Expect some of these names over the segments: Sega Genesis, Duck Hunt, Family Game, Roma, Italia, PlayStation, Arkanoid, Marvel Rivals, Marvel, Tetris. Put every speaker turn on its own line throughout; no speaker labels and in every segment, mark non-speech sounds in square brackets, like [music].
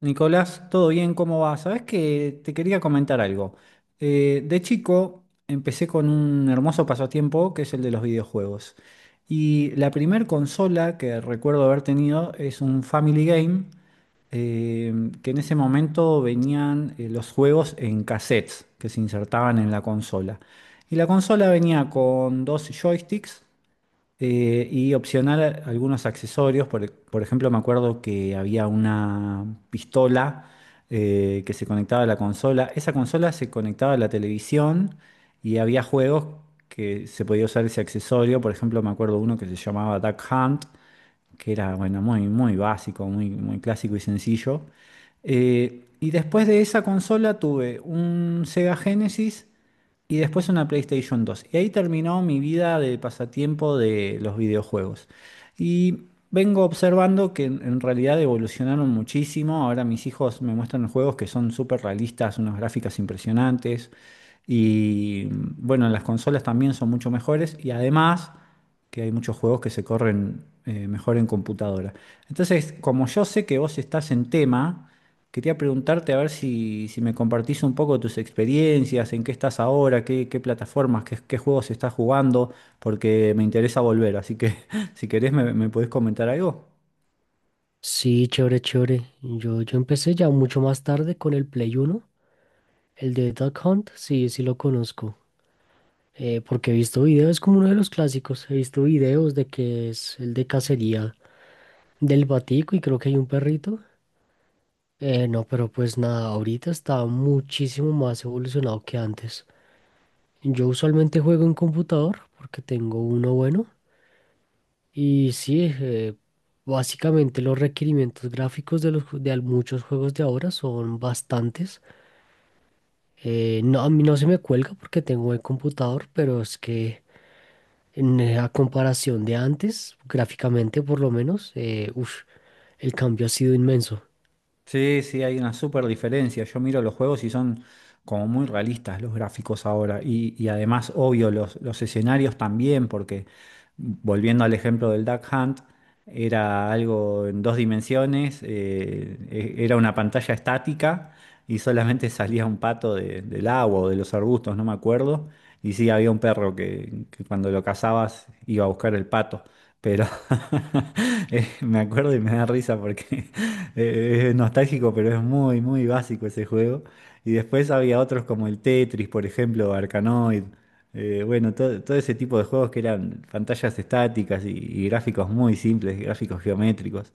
Nicolás, ¿todo bien? ¿Cómo va? Sabes que te quería comentar algo. De chico empecé con un hermoso pasatiempo que es el de los videojuegos. Y la primer consola que recuerdo haber tenido es un Family Game, eh, que en ese momento venían los juegos en cassettes que se insertaban en la consola. Y la consola venía con dos joysticks y opcional algunos accesorios, por ejemplo, me acuerdo que había una pistola que se conectaba a la consola. Esa consola se conectaba a la televisión y había juegos que se podía usar ese accesorio. Por ejemplo, me acuerdo uno que se llamaba Duck Hunt, que era, bueno, muy, muy básico, muy, muy clásico y sencillo. Y después de esa consola tuve un Sega Genesis y después una PlayStation 2. Y ahí terminó mi vida de pasatiempo de los videojuegos. Y vengo observando que en realidad evolucionaron muchísimo. Ahora mis hijos me muestran juegos que son súper realistas, unas gráficas impresionantes. Y bueno, las consolas también son mucho mejores. Y además que hay muchos juegos que se corren mejor en computadora. Entonces, como yo sé que vos estás en tema, quería preguntarte a ver si, me compartís un poco tus experiencias, en qué estás ahora, qué plataformas, qué juegos estás jugando, porque me interesa volver. Así que [laughs] si querés, me podés comentar algo.
Sí, chévere, chévere. Yo empecé ya mucho más tarde con el Play Uno. El de Duck Hunt, sí, sí lo conozco. Porque he visto videos, es como uno de los clásicos. He visto videos de que es el de cacería del batico y creo que hay un perrito. No, pero pues nada, ahorita está muchísimo más evolucionado que antes. Yo usualmente juego en computador porque tengo uno bueno. Y sí, básicamente los requerimientos gráficos de, los, muchos juegos de ahora son bastantes. No, a mí no se me cuelga porque tengo buen computador, pero es que a comparación de antes, gráficamente por lo menos, uf, el cambio ha sido inmenso.
Sí, sí, hay una súper diferencia. Yo miro los juegos y son como muy realistas los gráficos ahora. Y además, obvio, los escenarios también, porque volviendo al ejemplo del Duck Hunt, era algo en dos dimensiones, era una pantalla estática y solamente [laughs] salía un pato del agua o de los arbustos, no me acuerdo. Y sí, había un perro que cuando lo cazabas iba a buscar el pato. Pero [laughs] me acuerdo y me da risa porque [laughs] Es nostálgico, pero es muy, muy básico ese juego. Y después había otros como el Tetris, por ejemplo, Arkanoid. Bueno, todo ese tipo de juegos que eran pantallas estáticas y gráficos muy simples, gráficos geométricos.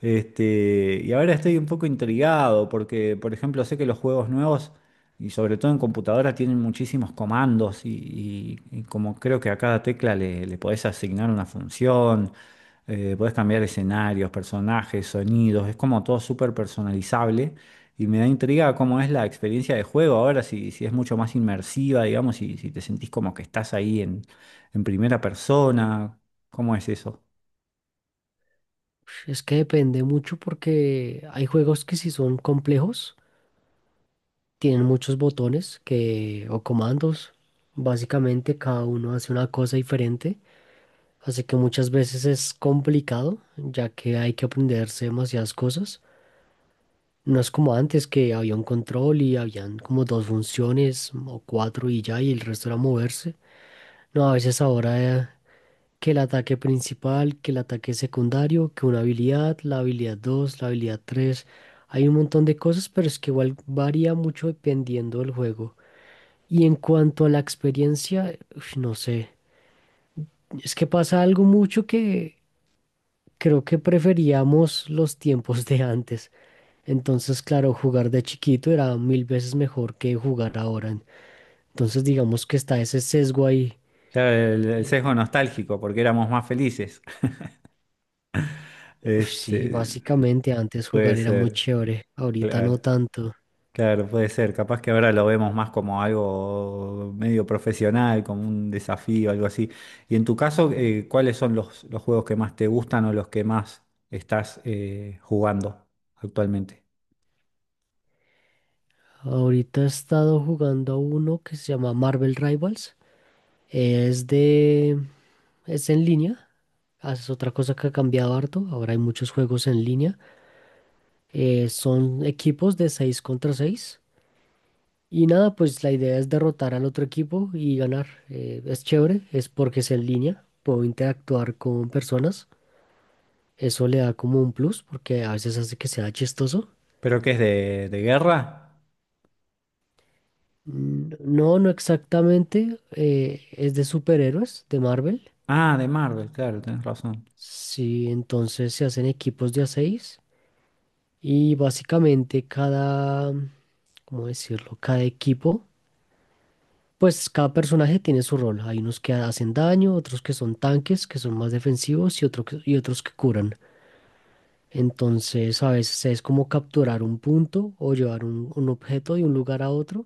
Y ahora estoy un poco intrigado porque, por ejemplo, sé que los juegos nuevos, y sobre todo en computadora, tienen muchísimos comandos y como creo que a cada tecla le podés asignar una función, podés cambiar escenarios, personajes, sonidos, es como todo súper personalizable y me da intriga cómo es la experiencia de juego ahora, si, es mucho más inmersiva, digamos, y si te sentís como que estás ahí en primera persona, ¿cómo es eso?
Uf, es que depende mucho porque hay juegos que si son complejos, tienen muchos botones que, o comandos. Básicamente cada uno hace una cosa diferente, así que muchas veces es complicado, ya que hay que aprenderse demasiadas cosas. No es como antes que había un control y habían como dos funciones o cuatro y ya, y el resto era moverse. No, a veces ahora que el ataque principal, que el ataque secundario, que una habilidad, la habilidad dos, la habilidad tres. Hay un montón de cosas, pero es que igual varía mucho dependiendo del juego. Y en cuanto a la experiencia, uf, no sé. Es que pasa algo mucho que creo que preferíamos los tiempos de antes. Entonces, claro, jugar de chiquito era mil veces mejor que jugar ahora. Entonces, digamos que está ese sesgo ahí.
Claro, el
Eh,
sesgo nostálgico, porque éramos más felices. [laughs]
Uf,
Este,
sí, básicamente antes
puede
jugar era muy
ser,
chévere, ahorita no
claro,
tanto.
claro, puede ser. Capaz que ahora lo vemos más como algo medio profesional, como un desafío, algo así. Y en tu caso, ¿cuáles son los, juegos que más te gustan o los que más estás jugando actualmente?
Ahorita he estado jugando a uno que se llama Marvel Rivals. Es de... es en línea. Ah, es otra cosa que ha cambiado harto. Ahora hay muchos juegos en línea. Son equipos de 6 contra seis. Y nada, pues la idea es derrotar al otro equipo y ganar. Es chévere, es porque es en línea, puedo interactuar con personas. Eso le da como un plus porque a veces hace que sea chistoso.
¿Pero qué es de guerra?
Mm, no, no exactamente. Es de superhéroes de Marvel.
Ah, de Marvel, claro, tenés razón.
Sí, entonces se hacen equipos de a 6, y básicamente ¿cómo decirlo? Cada equipo. Pues cada personaje tiene su rol. Hay unos que hacen daño, otros que son tanques, que son más defensivos y, y otros que curan. Entonces a veces es como capturar un punto o llevar un objeto de un lugar a otro.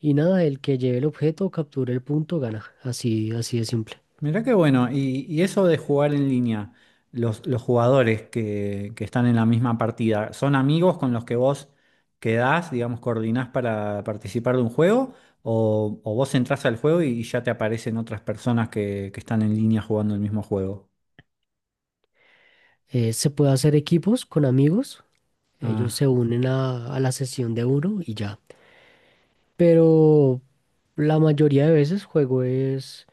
Y nada, el que lleve el objeto o capture el punto gana. Así, así de simple.
Mirá qué bueno, y eso de jugar en línea, los, jugadores que están en la misma partida, ¿son amigos con los que vos quedás, digamos, coordinás para participar de un juego? ¿O vos entrás al juego y, ya te aparecen otras personas que están en línea jugando el mismo juego?
Se puede hacer equipos con amigos. Ellos se
Ah,
unen a la sesión de uno y ya. Pero la mayoría de veces juego es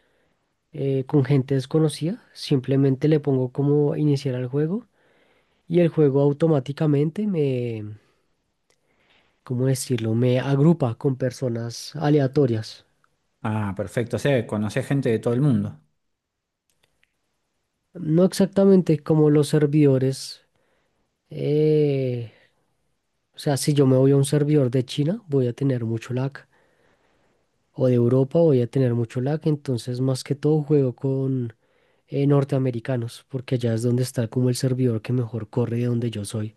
con gente desconocida. Simplemente le pongo como iniciar al juego y el juego automáticamente ¿cómo decirlo? Me agrupa con personas aleatorias.
ah, perfecto, o sea, conocés gente de todo el mundo.
No exactamente como los servidores. eh, o sea, si yo me voy a un servidor de China, voy a tener mucho lag. O de Europa voy a tener mucho lag. Entonces, más que todo, juego con norteamericanos, porque allá es donde está como el servidor que mejor corre de donde yo soy.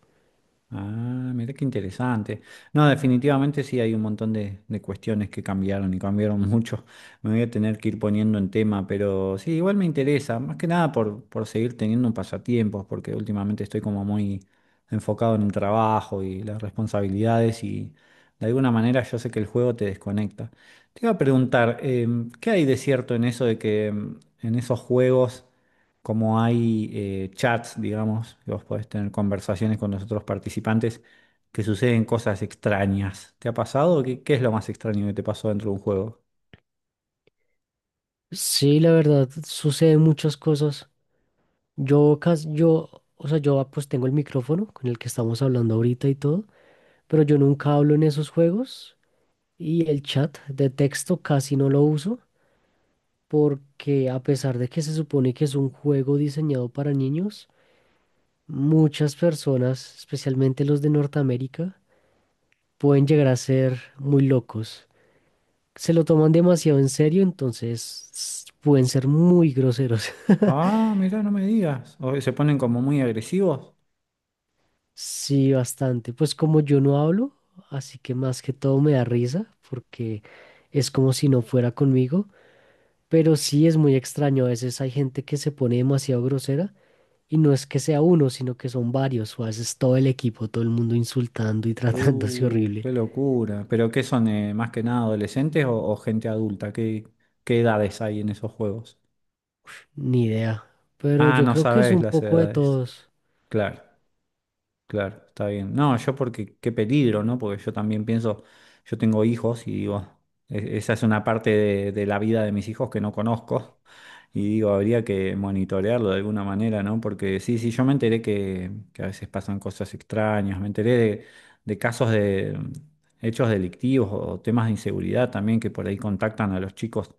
Ah, mira qué interesante. No, definitivamente sí hay un montón de cuestiones que cambiaron y cambiaron [laughs] mucho. Me voy a tener que ir poniendo en tema, pero sí, igual me interesa, más que nada por seguir teniendo un pasatiempos, porque últimamente estoy como muy enfocado en el trabajo y las responsabilidades y de alguna manera yo sé que el juego te desconecta. Te iba a preguntar, ¿qué hay de cierto en eso de que en esos juegos como hay chats, digamos, que vos podés tener conversaciones con los otros participantes, que suceden cosas extrañas. ¿Te ha pasado? ¿Qué es lo más extraño que te pasó dentro de un juego?
Sí, la verdad, suceden muchas cosas. Yo casi, yo, o sea, pues tengo el micrófono con el que estamos hablando ahorita y todo, pero yo nunca hablo en esos juegos y el chat de texto casi no lo uso porque a pesar de que se supone que es un juego diseñado para niños, muchas personas, especialmente los de Norteamérica, pueden llegar a ser muy locos. Se lo toman demasiado en serio, entonces pueden ser muy groseros. [laughs]
Ah, mirá, no me digas. O se ponen como muy agresivos.
Sí, bastante. Pues como yo no hablo, así que más que todo me da risa porque es como si no fuera conmigo, pero sí es muy extraño. A veces hay gente que se pone demasiado grosera y no es que sea uno, sino que son varios o a veces todo el equipo, todo el mundo insultando y [laughs] tratándose horrible.
Qué locura. ¿Pero qué son, más que nada adolescentes o, gente adulta? ¿Qué edades hay en esos juegos?
Ni idea. Pero
Ah,
yo
no
creo que es
sabes
un
las
poco de
edades.
todos.
Claro. Claro, está bien. No, yo porque qué peligro, ¿no? Porque yo también pienso, yo tengo hijos y digo, esa es una parte de la vida de mis hijos que no conozco y digo, habría que monitorearlo de alguna manera, ¿no? Porque sí, sí, yo me enteré que a veces pasan cosas extrañas, me enteré de, casos de hechos delictivos o temas de inseguridad también que por ahí contactan a los chicos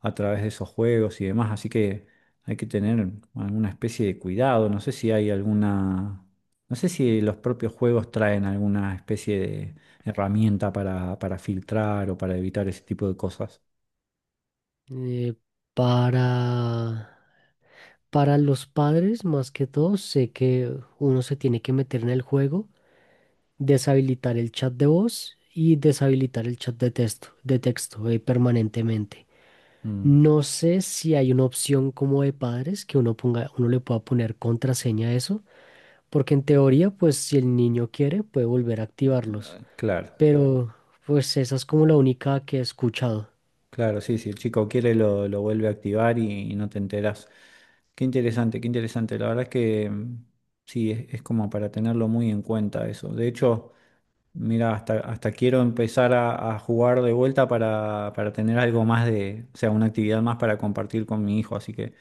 a través de esos juegos y demás, así que hay que tener alguna especie de cuidado, no sé si hay alguna... No sé si los propios juegos traen alguna especie de herramienta para filtrar o para evitar ese tipo de cosas.
Eh, para, para los padres, más que todo, sé que uno se tiene que meter en el juego, deshabilitar el chat de voz y deshabilitar el chat de texto, permanentemente.
Mm,
No sé si hay una opción como de padres que uno ponga, uno le pueda poner contraseña a eso, porque en teoría, pues si el niño quiere, puede volver a activarlos.
claro,
Pero pues esa es como la única que he escuchado.
claro, sí, si el chico quiere lo, vuelve a activar y no te enterás. Qué interesante, qué interesante. La verdad es que sí, es como para tenerlo muy en cuenta eso. De hecho, mira, hasta quiero empezar a jugar de vuelta para tener algo más de, o sea, una actividad más para compartir con mi hijo. Así que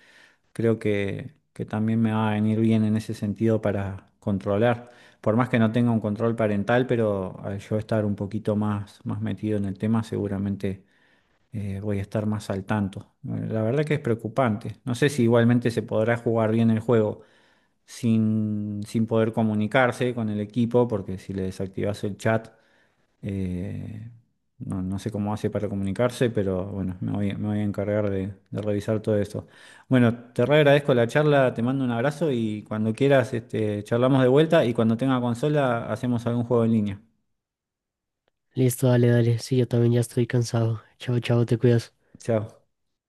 creo que también me va a venir bien en ese sentido para controlar. Por más que no tenga un control parental, pero al yo estar un poquito más, más metido en el tema, seguramente voy a estar más al tanto. La verdad que es preocupante. No sé si igualmente se podrá jugar bien el juego sin, poder comunicarse con el equipo, porque si le desactivas el chat eh, no, no sé cómo hace para comunicarse, pero bueno, me voy, a encargar de revisar todo esto. Bueno, te re agradezco la charla, te mando un abrazo y cuando quieras, charlamos de vuelta y cuando tenga consola hacemos algún juego en línea.
Listo, dale, dale. Sí, yo también ya estoy cansado. Chao, chao, te cuidas.
Chao.